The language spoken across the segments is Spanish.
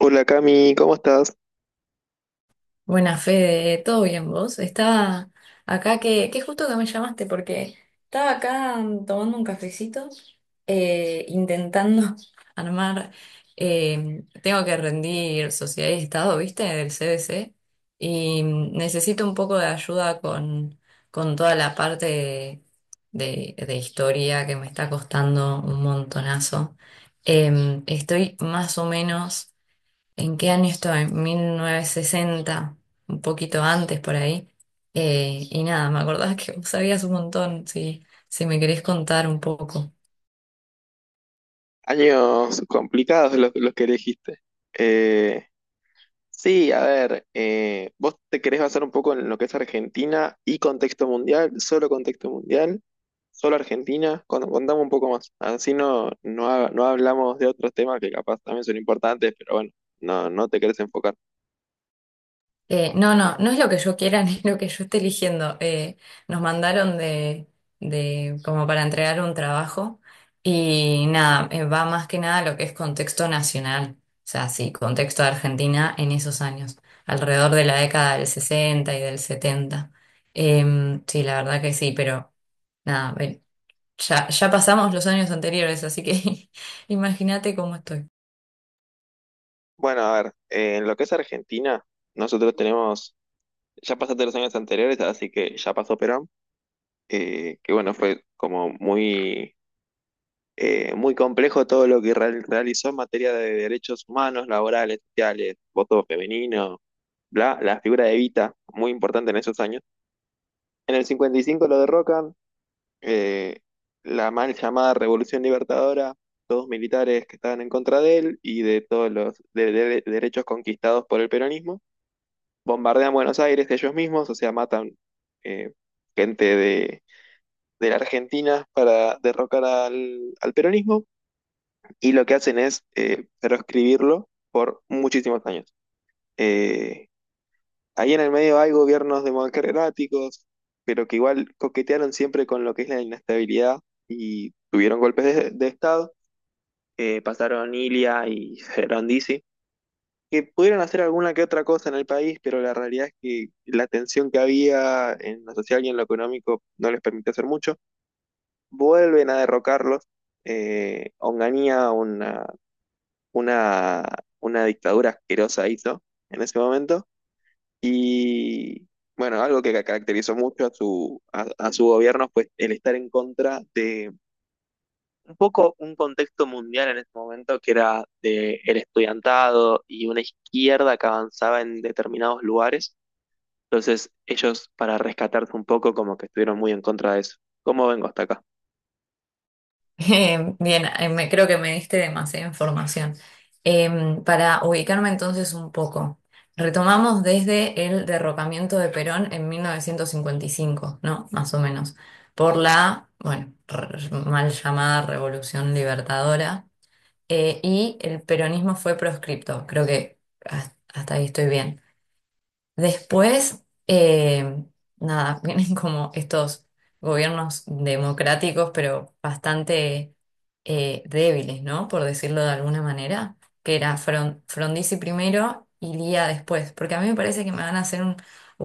Hola Cami, ¿cómo estás? Buena fe, ¿todo bien vos? Estaba acá que justo que me llamaste porque estaba acá tomando un cafecito, intentando armar, tengo que rendir sociedad y estado, ¿viste? Del CBC y necesito un poco de ayuda con toda la parte de historia que me está costando un montonazo. Estoy más o menos. ¿En qué año estoy? En 1960, un poquito antes por ahí. Y nada, me acordás que vos sabías un montón, si me querés contar un poco. Años complicados los que elegiste. Eh, sí, a ver, vos te querés basar un poco en lo que es Argentina y contexto mundial, solo Argentina. Contame un poco más, así no hablamos de otros temas que capaz también son importantes, pero bueno, no te querés enfocar. No, no, no es lo que yo quiera ni lo que yo esté eligiendo. Nos mandaron de como para entregar un trabajo y nada, va más que nada lo que es contexto nacional. O sea, sí, contexto de Argentina en esos años, alrededor de la década del 60 y del 70. Sí, la verdad que sí, pero... Nada, ven, ya pasamos los años anteriores, así que imagínate cómo estoy. Bueno, a ver, en lo que es Argentina, nosotros tenemos, ya pasaste los años anteriores, así que ya pasó Perón, que bueno, fue como muy muy complejo todo lo que realizó en materia de derechos humanos, laborales, sociales, voto femenino, bla, la figura de Evita, muy importante en esos años. En el 55 lo derrocan, eh, la mal llamada Revolución Libertadora, todos militares que estaban en contra de él y de todos los derechos conquistados por el peronismo. Bombardean Buenos Aires ellos mismos, o sea, matan eh, gente de la Argentina para derrocar al peronismo. Y lo que hacen es proscribirlo por muchísimos años. Eh, Ahí en el medio hay gobiernos democráticos, pero que igual coquetearon siempre con lo que es la inestabilidad y tuvieron golpes de Estado. Pasaron Ilia y Gerondisi, que pudieron hacer alguna que otra cosa en el país, pero la realidad es que la tensión que había en lo social y en lo económico no les permitió hacer mucho. Vuelven a derrocarlos. Onganía, una, una dictadura asquerosa hizo en ese momento. Y bueno, algo que caracterizó mucho a a su gobierno fue el estar en contra de un poco un contexto mundial en ese momento que era de el estudiantado y una izquierda que avanzaba en determinados lugares. Entonces ellos, para rescatarse un poco, como que estuvieron muy en contra de eso. ¿Cómo vengo hasta acá? Creo que me diste demasiada información. Para ubicarme entonces un poco, retomamos desde el derrocamiento de Perón en 1955, ¿no? Más o menos, por la, bueno, mal llamada Revolución Libertadora, y el peronismo fue proscripto, creo que hasta ahí estoy bien. Después, nada, vienen como estos gobiernos democráticos, pero bastante débiles, ¿no? Por decirlo de alguna manera, que era Frondizi primero y Lía después, porque a mí me parece que me van a hacer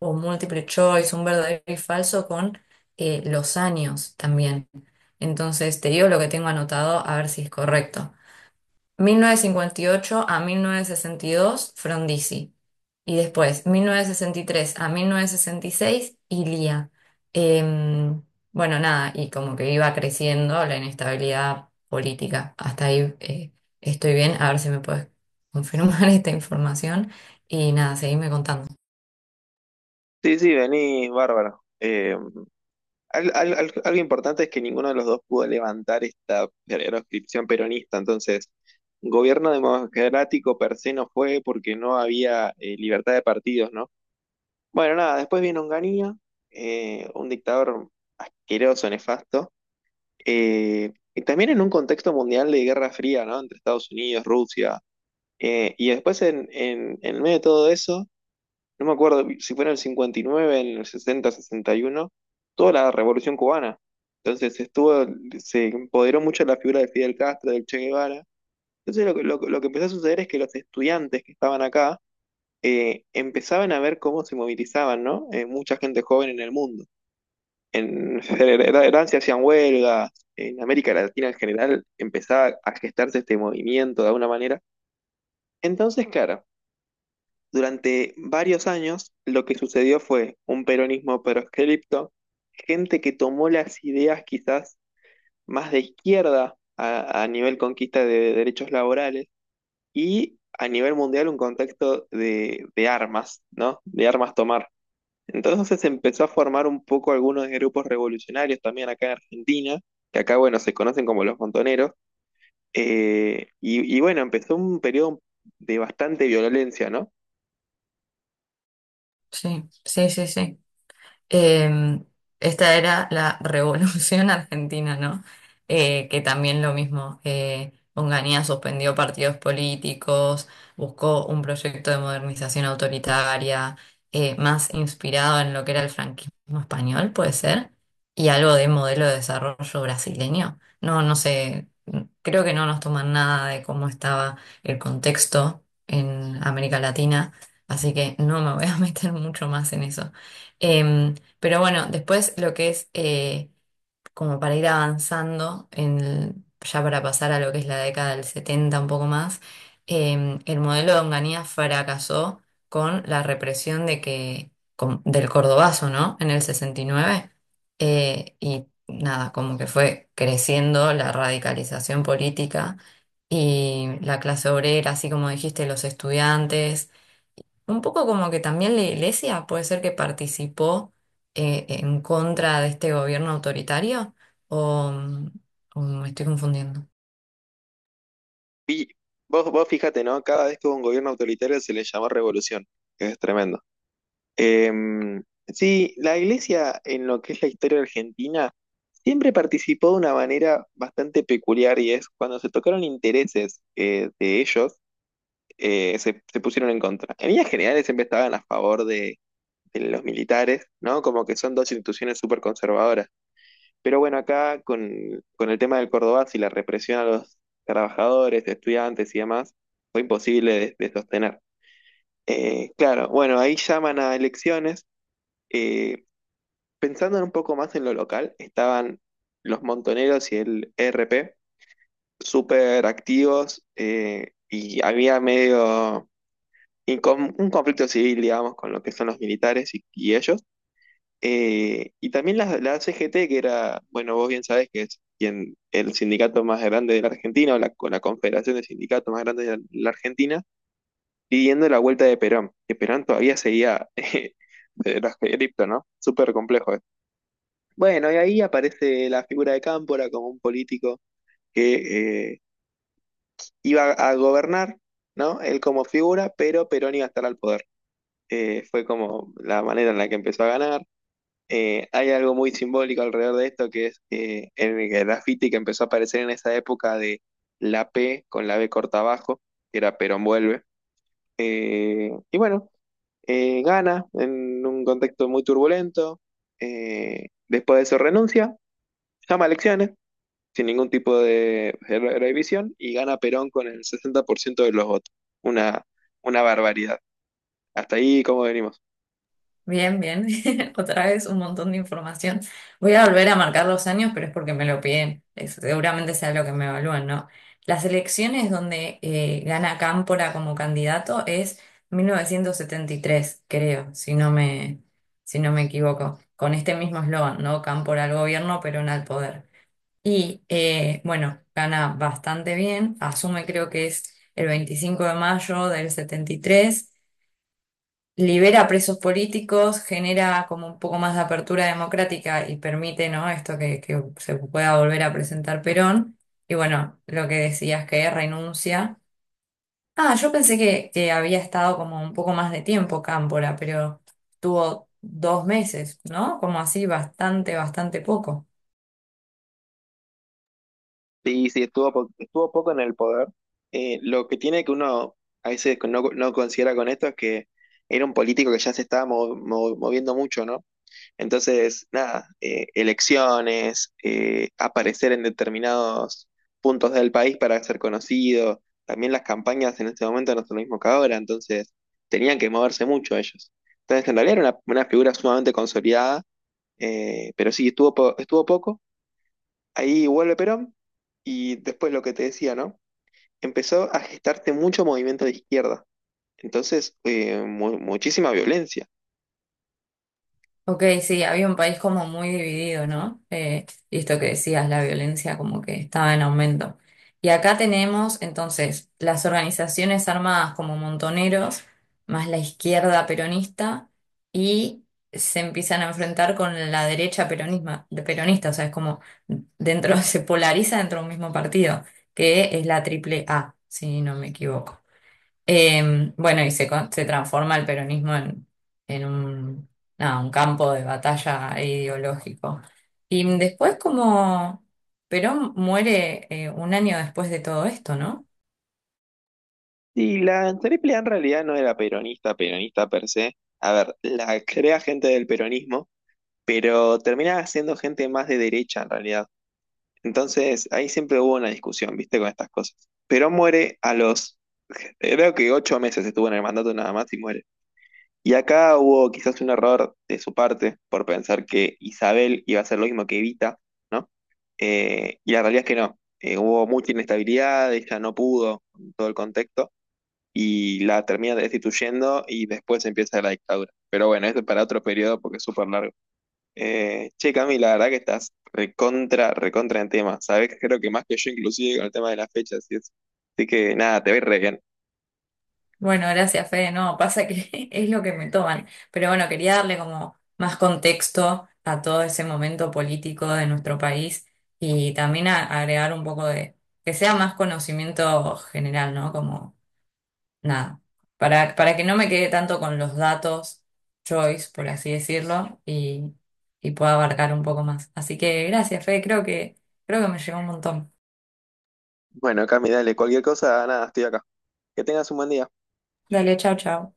un multiple choice, un verdadero y falso con los años también. Entonces, te digo lo que tengo anotado, a ver si es correcto. Mil novecientos cincuenta y ocho a 1962 Frondizi. Y después, 1963 a 1966 Ilia. Em, bueno, nada, y como que iba creciendo la inestabilidad política. Hasta ahí estoy bien, a ver si me puedes confirmar esta información. Y nada, seguime contando. Sí, sí, venís, bárbaro. Algo importante es que ninguno de los dos pudo levantar esta proscripción peronista, entonces, gobierno democrático per se no fue porque no había libertad de partidos, ¿no? Bueno, nada, después vino Onganía, un dictador asqueroso, nefasto, y también en un contexto mundial de Guerra Fría, ¿no? Entre Estados Unidos, Rusia, y después en medio de todo eso no me acuerdo si fue en el 59, en el 60, 61, toda la Revolución Cubana. Entonces estuvo, se empoderó mucho la figura de Fidel Castro, del Che Guevara. Entonces lo que empezó a suceder es que los estudiantes que estaban acá empezaban a ver cómo se movilizaban, ¿no? Mucha gente joven en el mundo. En Francia hacían huelgas, en América Latina en general empezaba a gestarse este movimiento de alguna manera. Entonces, claro, durante varios años, lo que sucedió fue un peronismo proscripto, gente que tomó las ideas quizás más de izquierda a nivel conquista de derechos laborales y a nivel mundial un contexto de armas, ¿no? De armas tomar. Entonces se empezó a formar un poco algunos grupos revolucionarios también acá en Argentina, que acá, bueno, se conocen como los montoneros, y bueno, empezó un periodo de bastante violencia, ¿no? Sí, sí, sí, sí. Eh, Esta era la Revolución Argentina, ¿no? Que también lo mismo, Onganía suspendió partidos políticos, buscó un proyecto de modernización autoritaria, más inspirado en lo que era el franquismo español, puede ser, y algo de modelo de desarrollo brasileño. No, no sé, creo que no nos toman nada de cómo estaba el contexto en América Latina, así que no me voy a meter mucho más en eso. Pero bueno, después lo que es como para ir avanzando, ya para pasar a lo que es la década del 70 un poco más, el modelo de Onganía fracasó con la represión del Cordobazo, ¿no? En el 69. Y nada, como que fue creciendo la radicalización política y la clase obrera, así como dijiste, los estudiantes un poco como que también la iglesia puede ser que participó en contra de este gobierno autoritario o, o me estoy confundiendo. Y vos fíjate, ¿no? Cada vez que hubo un gobierno autoritario se le llamó revolución, que es tremendo. Sí, la iglesia en lo que es la historia argentina siempre participó de una manera bastante peculiar y es cuando se tocaron intereses de ellos, se pusieron en contra. En líneas generales siempre estaban a favor de los militares, ¿no? Como que son dos instituciones súper conservadoras. Pero bueno, acá con el tema del Cordobazo y la represión a los trabajadores, estudiantes y demás, fue imposible de sostener. Claro, bueno, ahí llaman a elecciones. eh, Pensando un poco más en lo local, estaban los Montoneros y el ERP súper activos y había un conflicto civil, digamos, con lo que son los militares y ellos. Y también la CGT, que era, bueno, vos bien sabés que es quien, el sindicato más grande de la Argentina, o la, con la confederación de sindicatos más grande de la Argentina, pidiendo la vuelta de Perón, que Perón todavía seguía de los de ¿no? Súper complejo esto. Bueno, y ahí aparece la figura de Cámpora como un político que iba a gobernar, ¿no? Él como figura, pero Perón iba a estar al poder. Fue como la manera en la que empezó a ganar. Hay algo muy simbólico alrededor de esto, que es el graffiti que empezó a aparecer en esa época de la P con la B corta abajo, que era Perón vuelve. Eh, y bueno, Gana en un contexto muy turbulento, después de eso renuncia, llama a elecciones, sin ningún tipo de revisión, y gana Perón con el 60% de los votos. Una, una barbaridad. Hasta ahí, ¿cómo venimos? Bien, bien. Otra vez un montón de información. Voy a volver a marcar los años, pero es porque me lo piden. Seguramente sea lo que me evalúan, ¿no? Las elecciones donde gana Cámpora como candidato es 1973, creo, si no me equivoco. Con este mismo eslogan, ¿no? Cámpora al gobierno, Perón al poder. Y bueno, gana bastante bien, asume creo que es el 25 de mayo del setenta y tres, libera presos políticos, genera como un poco más de apertura democrática y permite, ¿no? Esto que se pueda volver a presentar Perón. Y bueno, lo que decías que renuncia. Ah, yo pensé que había estado como un poco más de tiempo Cámpora, pero tuvo dos meses, ¿no? Como así, bastante, bastante poco. Sí, sí, estuvo poco en el poder. Lo que tiene que uno a veces no considera con esto es que era un político que ya se estaba moviendo mucho, ¿no? Entonces, nada, elecciones, aparecer en determinados puntos del país para ser conocido, también las campañas en este momento no son lo mismo que ahora, entonces tenían que moverse mucho ellos. Entonces, en realidad era una figura sumamente consolidada, pero sí, estuvo poco. Ahí vuelve Perón y después lo que te decía, ¿no? Empezó a gestarse mucho movimiento de izquierda, entonces muchísima violencia. Ok, sí, había un país como muy dividido, ¿no? Y esto que decías, la violencia como que estaba en aumento. Y acá tenemos entonces las organizaciones armadas como Montoneros, más la izquierda peronista, y se empiezan a enfrentar con la derecha peronisma, de peronista, o sea, es como dentro, se polariza dentro de un mismo partido, que es la triple A, si no me equivoco. Bueno, se transforma el peronismo en nada, un campo de batalla ideológico. Y después como Perón muere un año después de todo esto, ¿no? Y la Triple A en realidad no era peronista, peronista per se. A ver, la crea gente del peronismo, pero terminaba siendo gente más de derecha en realidad. Entonces ahí siempre hubo una discusión, ¿viste? Con estas cosas. Perón muere a los, creo que 8 meses estuvo en el mandato nada más y muere. Y acá hubo quizás un error de su parte por pensar que Isabel iba a hacer lo mismo que Evita, ¿no? Y la realidad es que no. Hubo mucha inestabilidad, ella no pudo con todo el contexto y la termina destituyendo y después empieza la dictadura. Pero bueno, esto es para otro periodo porque es súper largo. Che, Cami, la verdad que estás recontra, recontra en tema. Sabés que creo que más que yo inclusive con el tema de las fechas y eso. Así que nada, te voy re bien. Bueno, gracias, Fede. No, pasa que es lo que me toman. Pero bueno, quería darle como más contexto a todo ese momento político de nuestro país y también agregar un poco de, que sea más conocimiento general, ¿no? Como nada, para que no me quede tanto con los datos choice, por así decirlo, y pueda abarcar un poco más. Así que gracias, Fe, creo que me llegó un montón. Bueno, Cami, dale, cualquier cosa, nada, estoy acá. Que tengas un buen día. Dale, chao, chao.